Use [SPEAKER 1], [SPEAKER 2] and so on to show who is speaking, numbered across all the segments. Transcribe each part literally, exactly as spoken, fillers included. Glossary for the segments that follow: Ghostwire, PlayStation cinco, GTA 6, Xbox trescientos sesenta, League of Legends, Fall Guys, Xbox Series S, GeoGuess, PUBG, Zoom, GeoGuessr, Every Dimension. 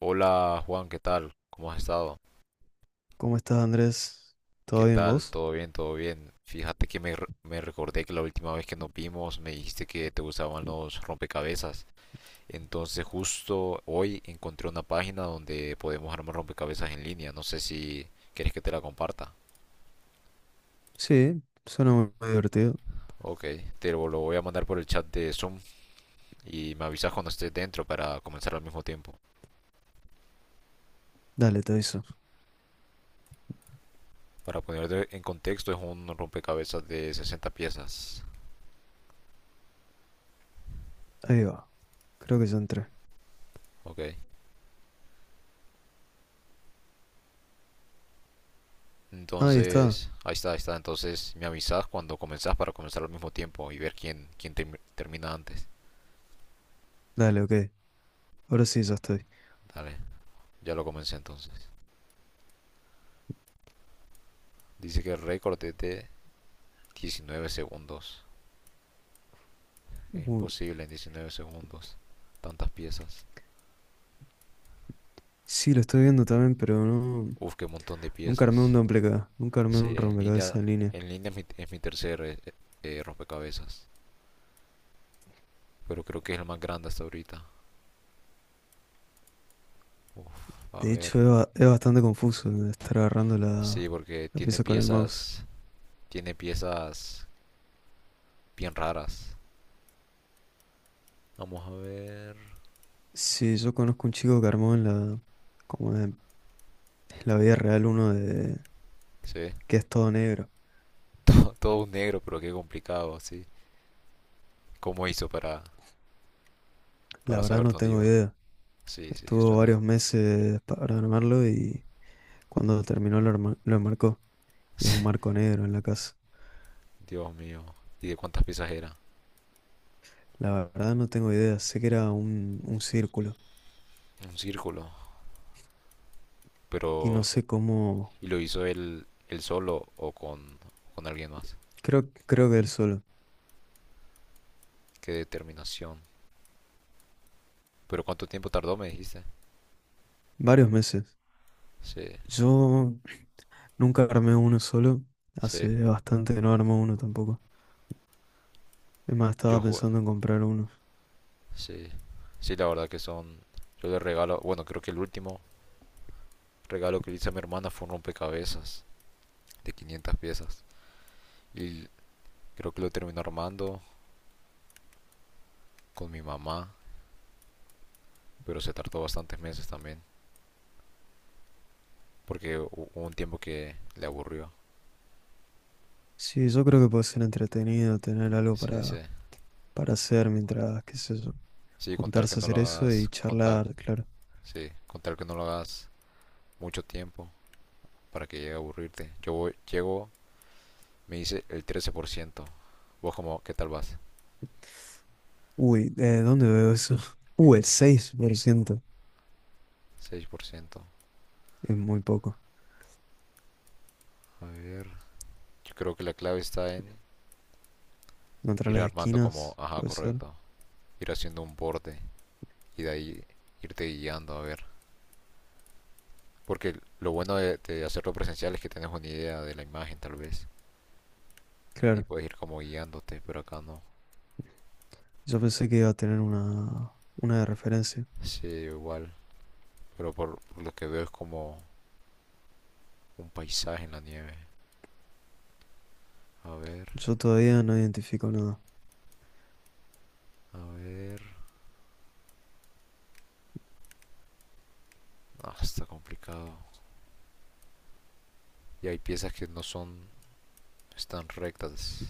[SPEAKER 1] Hola Juan, ¿qué tal? ¿Cómo has estado?
[SPEAKER 2] ¿Cómo estás, Andrés?
[SPEAKER 1] ¿Qué
[SPEAKER 2] ¿Todo bien
[SPEAKER 1] tal?
[SPEAKER 2] vos?
[SPEAKER 1] ¿Todo bien? ¿Todo bien? Fíjate que me, re- me recordé que la última vez que nos vimos me dijiste que te gustaban los rompecabezas. Entonces justo hoy encontré una página donde podemos armar rompecabezas en línea. No sé si quieres que te la comparta.
[SPEAKER 2] Sí, suena muy, muy divertido.
[SPEAKER 1] Ok, te lo lo voy a mandar por el chat de Zoom y me avisas cuando estés dentro para comenzar al mismo tiempo.
[SPEAKER 2] Dale, te aviso.
[SPEAKER 1] Para ponerte en contexto, es un rompecabezas de sesenta piezas.
[SPEAKER 2] Ahí va. Creo que ya entré.
[SPEAKER 1] Ok.
[SPEAKER 2] Ah, ahí está.
[SPEAKER 1] Entonces, ahí está, ahí está. Entonces me avisas cuando comenzás para comenzar al mismo tiempo y ver quién, quién term- termina antes.
[SPEAKER 2] Dale, ok. Ahora sí, ya estoy.
[SPEAKER 1] Dale, ya lo comencé entonces. Dice que el récord es de diecinueve segundos. Es
[SPEAKER 2] Uy,
[SPEAKER 1] imposible en diecinueve segundos. Tantas piezas.
[SPEAKER 2] sí, lo estoy viendo también, pero no...
[SPEAKER 1] Uf, qué montón de
[SPEAKER 2] Nunca armé un
[SPEAKER 1] piezas.
[SPEAKER 2] duplicado. Nunca armé
[SPEAKER 1] Sí,
[SPEAKER 2] un
[SPEAKER 1] en
[SPEAKER 2] rompecabezas
[SPEAKER 1] línea,
[SPEAKER 2] en línea.
[SPEAKER 1] en línea es mi, es mi tercer eh, eh, rompecabezas. Pero creo que es el más grande hasta ahorita. Uf, a
[SPEAKER 2] De
[SPEAKER 1] ver.
[SPEAKER 2] hecho, es, ba- es bastante confuso el estar agarrando la,
[SPEAKER 1] Sí, porque
[SPEAKER 2] la
[SPEAKER 1] tiene
[SPEAKER 2] pieza con el mouse.
[SPEAKER 1] piezas, tiene piezas bien raras. Vamos a ver.
[SPEAKER 2] Sí, yo conozco un chico que armó en la, como en en la vida real uno de
[SPEAKER 1] Se ve
[SPEAKER 2] que es todo negro.
[SPEAKER 1] todo un negro, pero qué complicado, sí. ¿Cómo hizo para,
[SPEAKER 2] La
[SPEAKER 1] para
[SPEAKER 2] verdad
[SPEAKER 1] saber
[SPEAKER 2] no
[SPEAKER 1] dónde
[SPEAKER 2] tengo
[SPEAKER 1] iba?
[SPEAKER 2] idea.
[SPEAKER 1] Sí, sí,
[SPEAKER 2] Estuvo
[SPEAKER 1] suena.
[SPEAKER 2] varios meses para armarlo y cuando terminó lo, arma- lo enmarcó. Y es un marco negro en la casa.
[SPEAKER 1] Dios mío. ¿Y de cuántas piezas era?
[SPEAKER 2] La verdad no tengo idea. Sé que era un, un círculo.
[SPEAKER 1] Un círculo.
[SPEAKER 2] Y no
[SPEAKER 1] Pero.
[SPEAKER 2] sé cómo.
[SPEAKER 1] ¿Y lo hizo él, él solo o con, con alguien más?
[SPEAKER 2] Creo, creo que él solo.
[SPEAKER 1] Qué determinación. ¿Pero cuánto tiempo tardó, me dijiste?
[SPEAKER 2] Varios meses.
[SPEAKER 1] Sí,
[SPEAKER 2] Yo nunca armé uno solo.
[SPEAKER 1] sí.
[SPEAKER 2] Hace bastante que no armo uno tampoco. Es más,
[SPEAKER 1] Yo
[SPEAKER 2] estaba
[SPEAKER 1] jugué.
[SPEAKER 2] pensando en comprar uno.
[SPEAKER 1] Sí. Sí, la verdad que son. Yo le regalo. Bueno, creo que el último regalo que le hice a mi hermana fue un rompecabezas de quinientas piezas. Y creo que lo terminé armando con mi mamá, pero se tardó bastantes meses también, porque hubo un tiempo que le aburrió.
[SPEAKER 2] Sí, yo creo que puede ser entretenido tener algo
[SPEAKER 1] Sí, sí.
[SPEAKER 2] para, para hacer mientras, qué sé yo,
[SPEAKER 1] Sí, contar que
[SPEAKER 2] juntarse a
[SPEAKER 1] no
[SPEAKER 2] hacer
[SPEAKER 1] lo
[SPEAKER 2] eso y
[SPEAKER 1] hagas, contar,
[SPEAKER 2] charlar, claro.
[SPEAKER 1] sí, contar que no lo hagas mucho tiempo para que llegue a aburrirte. Yo voy- llego, me dice el trece por ciento. Vos como, ¿qué tal vas?
[SPEAKER 2] Uy, eh, ¿dónde veo eso? Uh, el seis por ciento.
[SPEAKER 1] Seis por ciento.
[SPEAKER 2] Es muy poco.
[SPEAKER 1] A ver. Yo creo que la clave está en
[SPEAKER 2] Contra
[SPEAKER 1] ir
[SPEAKER 2] las
[SPEAKER 1] armando como,
[SPEAKER 2] esquinas,
[SPEAKER 1] ajá,
[SPEAKER 2] puede ser.
[SPEAKER 1] correcto. Ir haciendo un borde y de ahí irte guiando a ver. Porque lo bueno de, de hacerlo presencial es que tienes una idea de la imagen tal vez y
[SPEAKER 2] Claro,
[SPEAKER 1] puedes ir como guiándote, pero acá no.
[SPEAKER 2] yo pensé que iba a tener una, una de referencia.
[SPEAKER 1] Sí, igual. Pero por, por lo que veo es como un paisaje en la nieve. A ver,
[SPEAKER 2] Yo todavía no identifico nada.
[SPEAKER 1] a ver. Ah, está complicado. Y hay piezas que no son, están rectas.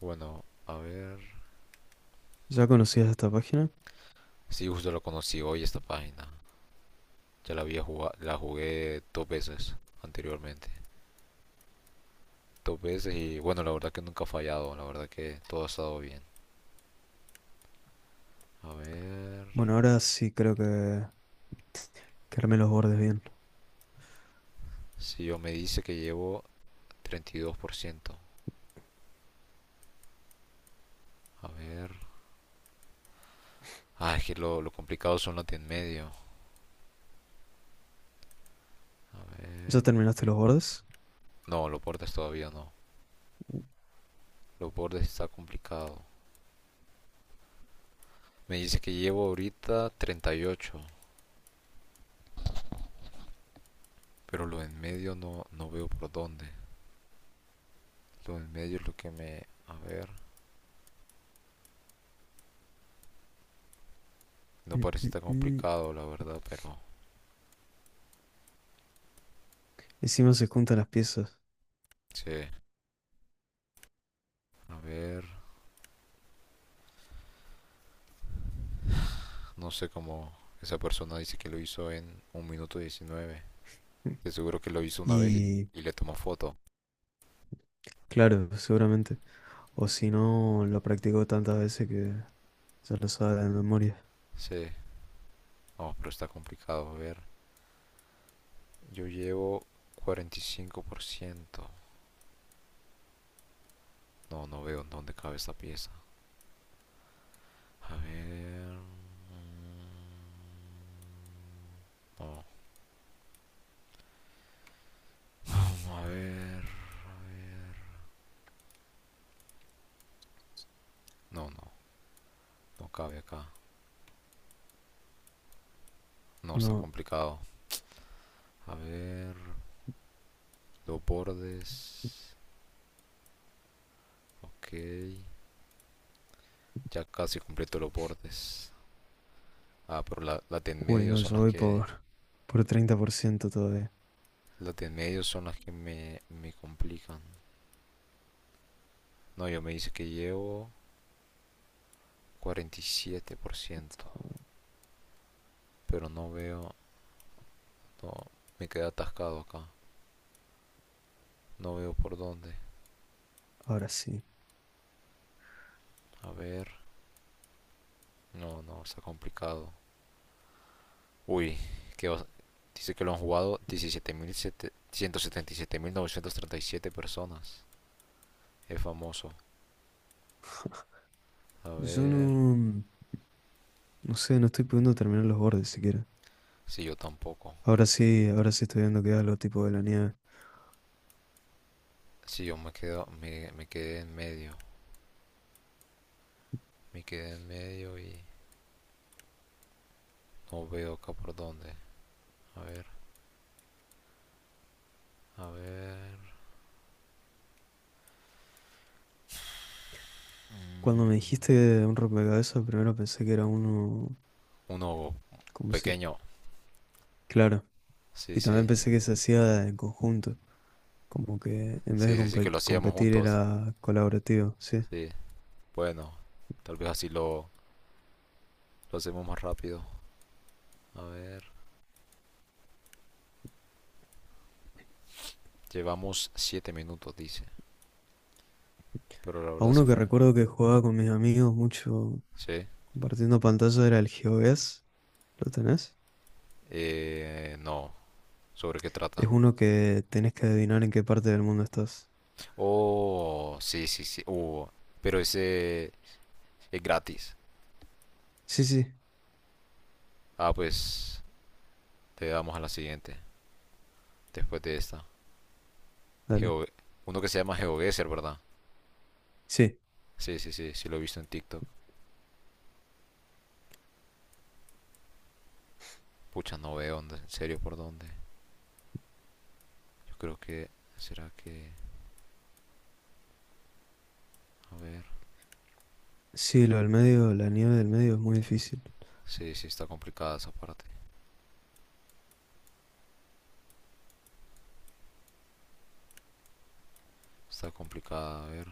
[SPEAKER 1] Bueno, a ver.
[SPEAKER 2] ¿Ya conocías esta página?
[SPEAKER 1] Sí, justo lo conocí hoy esta página. Ya la había jugado, la jugué dos veces anteriormente. Dos veces y bueno, la verdad que nunca ha fallado. La verdad que todo ha estado bien. A ver.
[SPEAKER 2] Bueno, ahora sí creo que, que armé los bordes bien.
[SPEAKER 1] Si yo me dice que llevo treinta y dos por ciento. A ver. Ah, es que lo, lo complicado son los de en medio. A
[SPEAKER 2] ¿Ya
[SPEAKER 1] ver.
[SPEAKER 2] terminaste los bordes?
[SPEAKER 1] No, los bordes todavía no. Los bordes está complicado. Me dice que llevo ahorita treinta y ocho. Pero lo en medio no, no veo por dónde. Lo en medio es lo que me... A ver. No
[SPEAKER 2] Mm,
[SPEAKER 1] parece
[SPEAKER 2] mm,
[SPEAKER 1] tan
[SPEAKER 2] mm.
[SPEAKER 1] complicado, la verdad, pero...
[SPEAKER 2] Encima se juntan las piezas.
[SPEAKER 1] Sí. A ver. No sé cómo... Esa persona dice que lo hizo en un minuto diecinueve. De seguro que lo hizo una vez y,
[SPEAKER 2] Y
[SPEAKER 1] y le tomó foto.
[SPEAKER 2] claro, seguramente. O si no, lo practicó tantas veces que ya lo sabe de memoria.
[SPEAKER 1] Sí. No, pero está complicado. A ver, yo llevo cuarenta y cinco por ciento. No, no veo en dónde cabe esta pieza. A ver. No, no, a ver. A ver. No, no, no cabe acá. No, está
[SPEAKER 2] No,
[SPEAKER 1] complicado. A ver. Los bordes. Ok. Ya casi completo los bordes. Ah, pero la, las de en
[SPEAKER 2] uy,
[SPEAKER 1] medio
[SPEAKER 2] no,
[SPEAKER 1] son
[SPEAKER 2] yo
[SPEAKER 1] las
[SPEAKER 2] voy
[SPEAKER 1] que.
[SPEAKER 2] por, por treinta por ciento todavía.
[SPEAKER 1] Las de en medio son las que me, me complican. No, yo me dice que llevo cuarenta y siete por ciento. Pero no veo. No, me quedé atascado acá. No veo por dónde.
[SPEAKER 2] Ahora sí.
[SPEAKER 1] A ver. No, no, está complicado. Uy, que os- dice que lo han jugado diecisiete mil mil setenta y siete mil novecientos treinta y siete personas. Es famoso. A
[SPEAKER 2] Yo
[SPEAKER 1] ver.
[SPEAKER 2] no, no sé, no estoy pudiendo terminar los bordes siquiera.
[SPEAKER 1] Si sí, yo tampoco.
[SPEAKER 2] Ahora sí, ahora sí estoy viendo que era lo tipo de la nieve.
[SPEAKER 1] Si sí, yo me quedo, me, me quedé en medio. Me quedé en medio y no veo acá por dónde. A ver, a ver. Mm.
[SPEAKER 2] Cuando me dijiste un rompecabezas, primero pensé que era uno,
[SPEAKER 1] Uno
[SPEAKER 2] como si,
[SPEAKER 1] pequeño.
[SPEAKER 2] claro,
[SPEAKER 1] Sí,
[SPEAKER 2] y también
[SPEAKER 1] sí.
[SPEAKER 2] pensé que se hacía en conjunto, como que en vez de
[SPEAKER 1] Sí, sí, sí, que lo
[SPEAKER 2] compe-
[SPEAKER 1] hacíamos
[SPEAKER 2] competir
[SPEAKER 1] juntos.
[SPEAKER 2] era colaborativo, sí.
[SPEAKER 1] Sí. Bueno, tal vez así lo, lo hacemos más rápido. A ver, llevamos siete minutos, dice. Pero la
[SPEAKER 2] A
[SPEAKER 1] verdad se
[SPEAKER 2] uno que
[SPEAKER 1] fue.
[SPEAKER 2] recuerdo que jugaba con mis amigos mucho
[SPEAKER 1] Sí.
[SPEAKER 2] compartiendo pantalla era el GeoGuess, ¿lo tenés?
[SPEAKER 1] Eh, no. ¿Sobre qué
[SPEAKER 2] Es
[SPEAKER 1] trata?
[SPEAKER 2] uno que tenés que adivinar en qué parte del mundo estás.
[SPEAKER 1] Oh, sí, sí, sí. Oh, pero ese es gratis.
[SPEAKER 2] Sí, sí,
[SPEAKER 1] Ah, pues te damos a la siguiente. Después de esta.
[SPEAKER 2] dale.
[SPEAKER 1] Geo- Uno que se llama GeoGuessr, ¿verdad?
[SPEAKER 2] Sí,
[SPEAKER 1] Sí, sí, sí. Sí lo he visto en TikTok. Pucha, no veo dónde. En serio, ¿por dónde? Yo creo que... ¿Será que...? A ver.
[SPEAKER 2] sí, lo del medio, la nieve del medio es muy difícil.
[SPEAKER 1] Sí, sí, está complicada esa parte. Está complicada, a ver.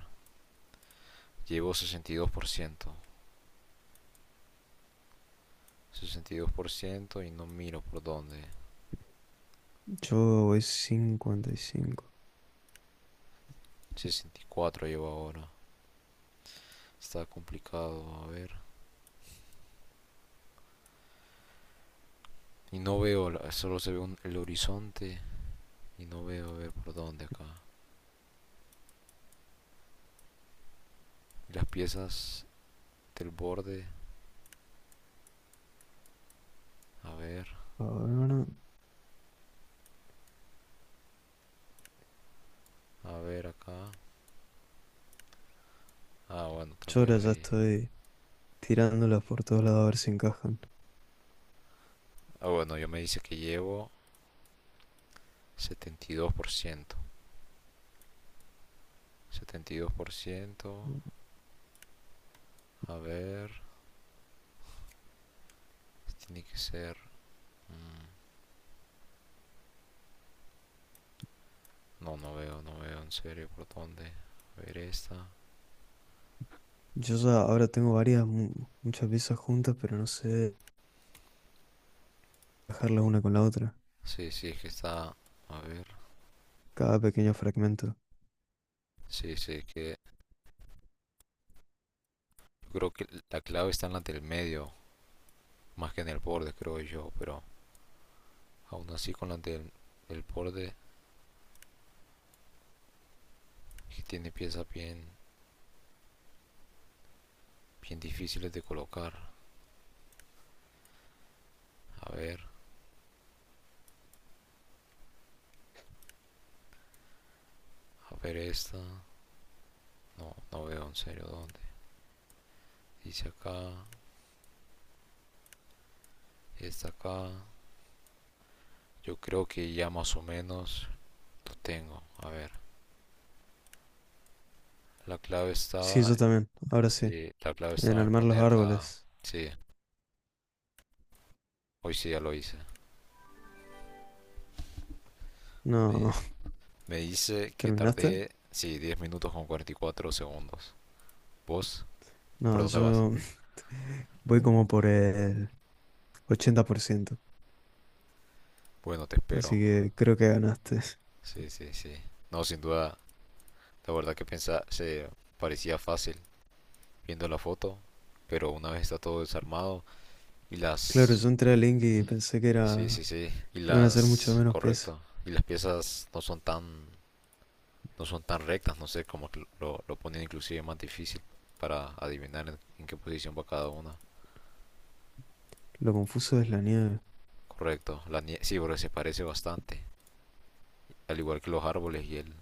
[SPEAKER 1] Llevo sesenta y dos por ciento sesenta y dos por ciento y no miro por dónde.
[SPEAKER 2] Yo voy cincuenta y cinco.
[SPEAKER 1] sesenta y cuatro llevo ahora. Está complicado, a ver. Y no veo, solo se ve un- el horizonte y no veo a ver por dónde acá. Las piezas del borde, a ver,
[SPEAKER 2] Ahora,
[SPEAKER 1] a ver acá. Ah, bueno, tal
[SPEAKER 2] yo
[SPEAKER 1] vez
[SPEAKER 2] ahora ya
[SPEAKER 1] ahí.
[SPEAKER 2] estoy tirándolas por todos lados a ver si encajan.
[SPEAKER 1] Ah, bueno, yo me dice que llevo setenta setenta y y dos dos por ciento setenta y dos por ciento, a ver, tiene que ser. No, no veo, no veo en serio por dónde. A ver esta.
[SPEAKER 2] Yo ya ahora tengo varias, mu- muchas piezas juntas, pero no sé dejarlas una con la otra.
[SPEAKER 1] Sí, sí, es que está... A ver.
[SPEAKER 2] Cada pequeño fragmento.
[SPEAKER 1] Sí, sí, es que... Yo creo que la clave está en la del medio, más que en el borde, creo yo, pero aún así con la del el borde que tiene piezas bien, bien difíciles de colocar. A ver, a ver esta. No, no veo en serio dónde. Dice acá, esta acá. Yo creo que ya más o menos lo tengo. A ver, la clave
[SPEAKER 2] Sí,
[SPEAKER 1] estaba.
[SPEAKER 2] yo también. Ahora sí.
[SPEAKER 1] Sí, la clave
[SPEAKER 2] En
[SPEAKER 1] estaba en
[SPEAKER 2] armar los
[SPEAKER 1] ponerla.
[SPEAKER 2] árboles.
[SPEAKER 1] Sí, hoy sí ya lo hice. Me,
[SPEAKER 2] No,
[SPEAKER 1] me dice que
[SPEAKER 2] ¿terminaste?
[SPEAKER 1] tardé, sí, diez minutos con cuarenta y cuatro segundos. ¿Vos? ¿Por
[SPEAKER 2] No,
[SPEAKER 1] dónde vas?
[SPEAKER 2] yo voy como por el ochenta por ciento.
[SPEAKER 1] Bueno, te
[SPEAKER 2] Así
[SPEAKER 1] espero.
[SPEAKER 2] que creo que ganaste.
[SPEAKER 1] Sí, sí, sí. No, sin duda, la verdad que pensaba, se parecía fácil viendo la foto, pero una vez está todo desarmado y
[SPEAKER 2] Claro, yo
[SPEAKER 1] las...
[SPEAKER 2] entré a Link y pensé que
[SPEAKER 1] Sí, sí,
[SPEAKER 2] era...
[SPEAKER 1] sí. Y
[SPEAKER 2] iban a ser mucho
[SPEAKER 1] las...
[SPEAKER 2] menos peso.
[SPEAKER 1] Correcto. Y las piezas no son tan no son tan rectas, no sé cómo lo, lo ponen inclusive más difícil para adivinar en, en qué posición va cada una.
[SPEAKER 2] Lo confuso es la nieve.
[SPEAKER 1] Correcto, la nieve, sí, porque se parece bastante, al igual que los árboles y el,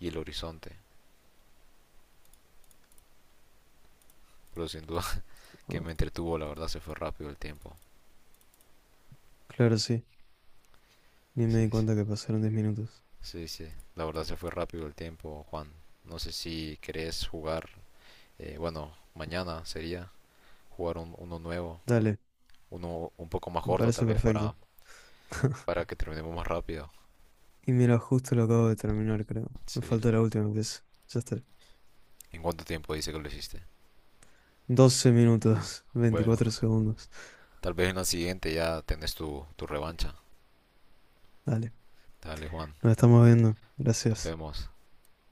[SPEAKER 1] y el horizonte. Pero sin duda que
[SPEAKER 2] Ah,
[SPEAKER 1] me entretuvo, la verdad se fue rápido el tiempo.
[SPEAKER 2] claro, sí. Ni me
[SPEAKER 1] Sí,
[SPEAKER 2] di
[SPEAKER 1] sí,
[SPEAKER 2] cuenta que pasaron diez minutos.
[SPEAKER 1] sí, sí, la verdad se fue rápido el tiempo, Juan. No sé si querés jugar, eh, bueno, mañana sería jugar un, uno nuevo,
[SPEAKER 2] Dale,
[SPEAKER 1] uno un poco más
[SPEAKER 2] me
[SPEAKER 1] corto tal
[SPEAKER 2] parece
[SPEAKER 1] vez
[SPEAKER 2] perfecto.
[SPEAKER 1] para, para que terminemos más rápido.
[SPEAKER 2] Y mira, justo lo acabo de terminar, creo. Me
[SPEAKER 1] Sí.
[SPEAKER 2] falta la última vez. Ya está.
[SPEAKER 1] ¿En cuánto tiempo dice que lo hiciste?
[SPEAKER 2] Doce minutos,
[SPEAKER 1] Bueno,
[SPEAKER 2] veinticuatro segundos.
[SPEAKER 1] tal vez en la siguiente ya tenés tu, tu revancha.
[SPEAKER 2] Dale,
[SPEAKER 1] Dale, Juan,
[SPEAKER 2] nos estamos viendo.
[SPEAKER 1] nos
[SPEAKER 2] Gracias.
[SPEAKER 1] vemos.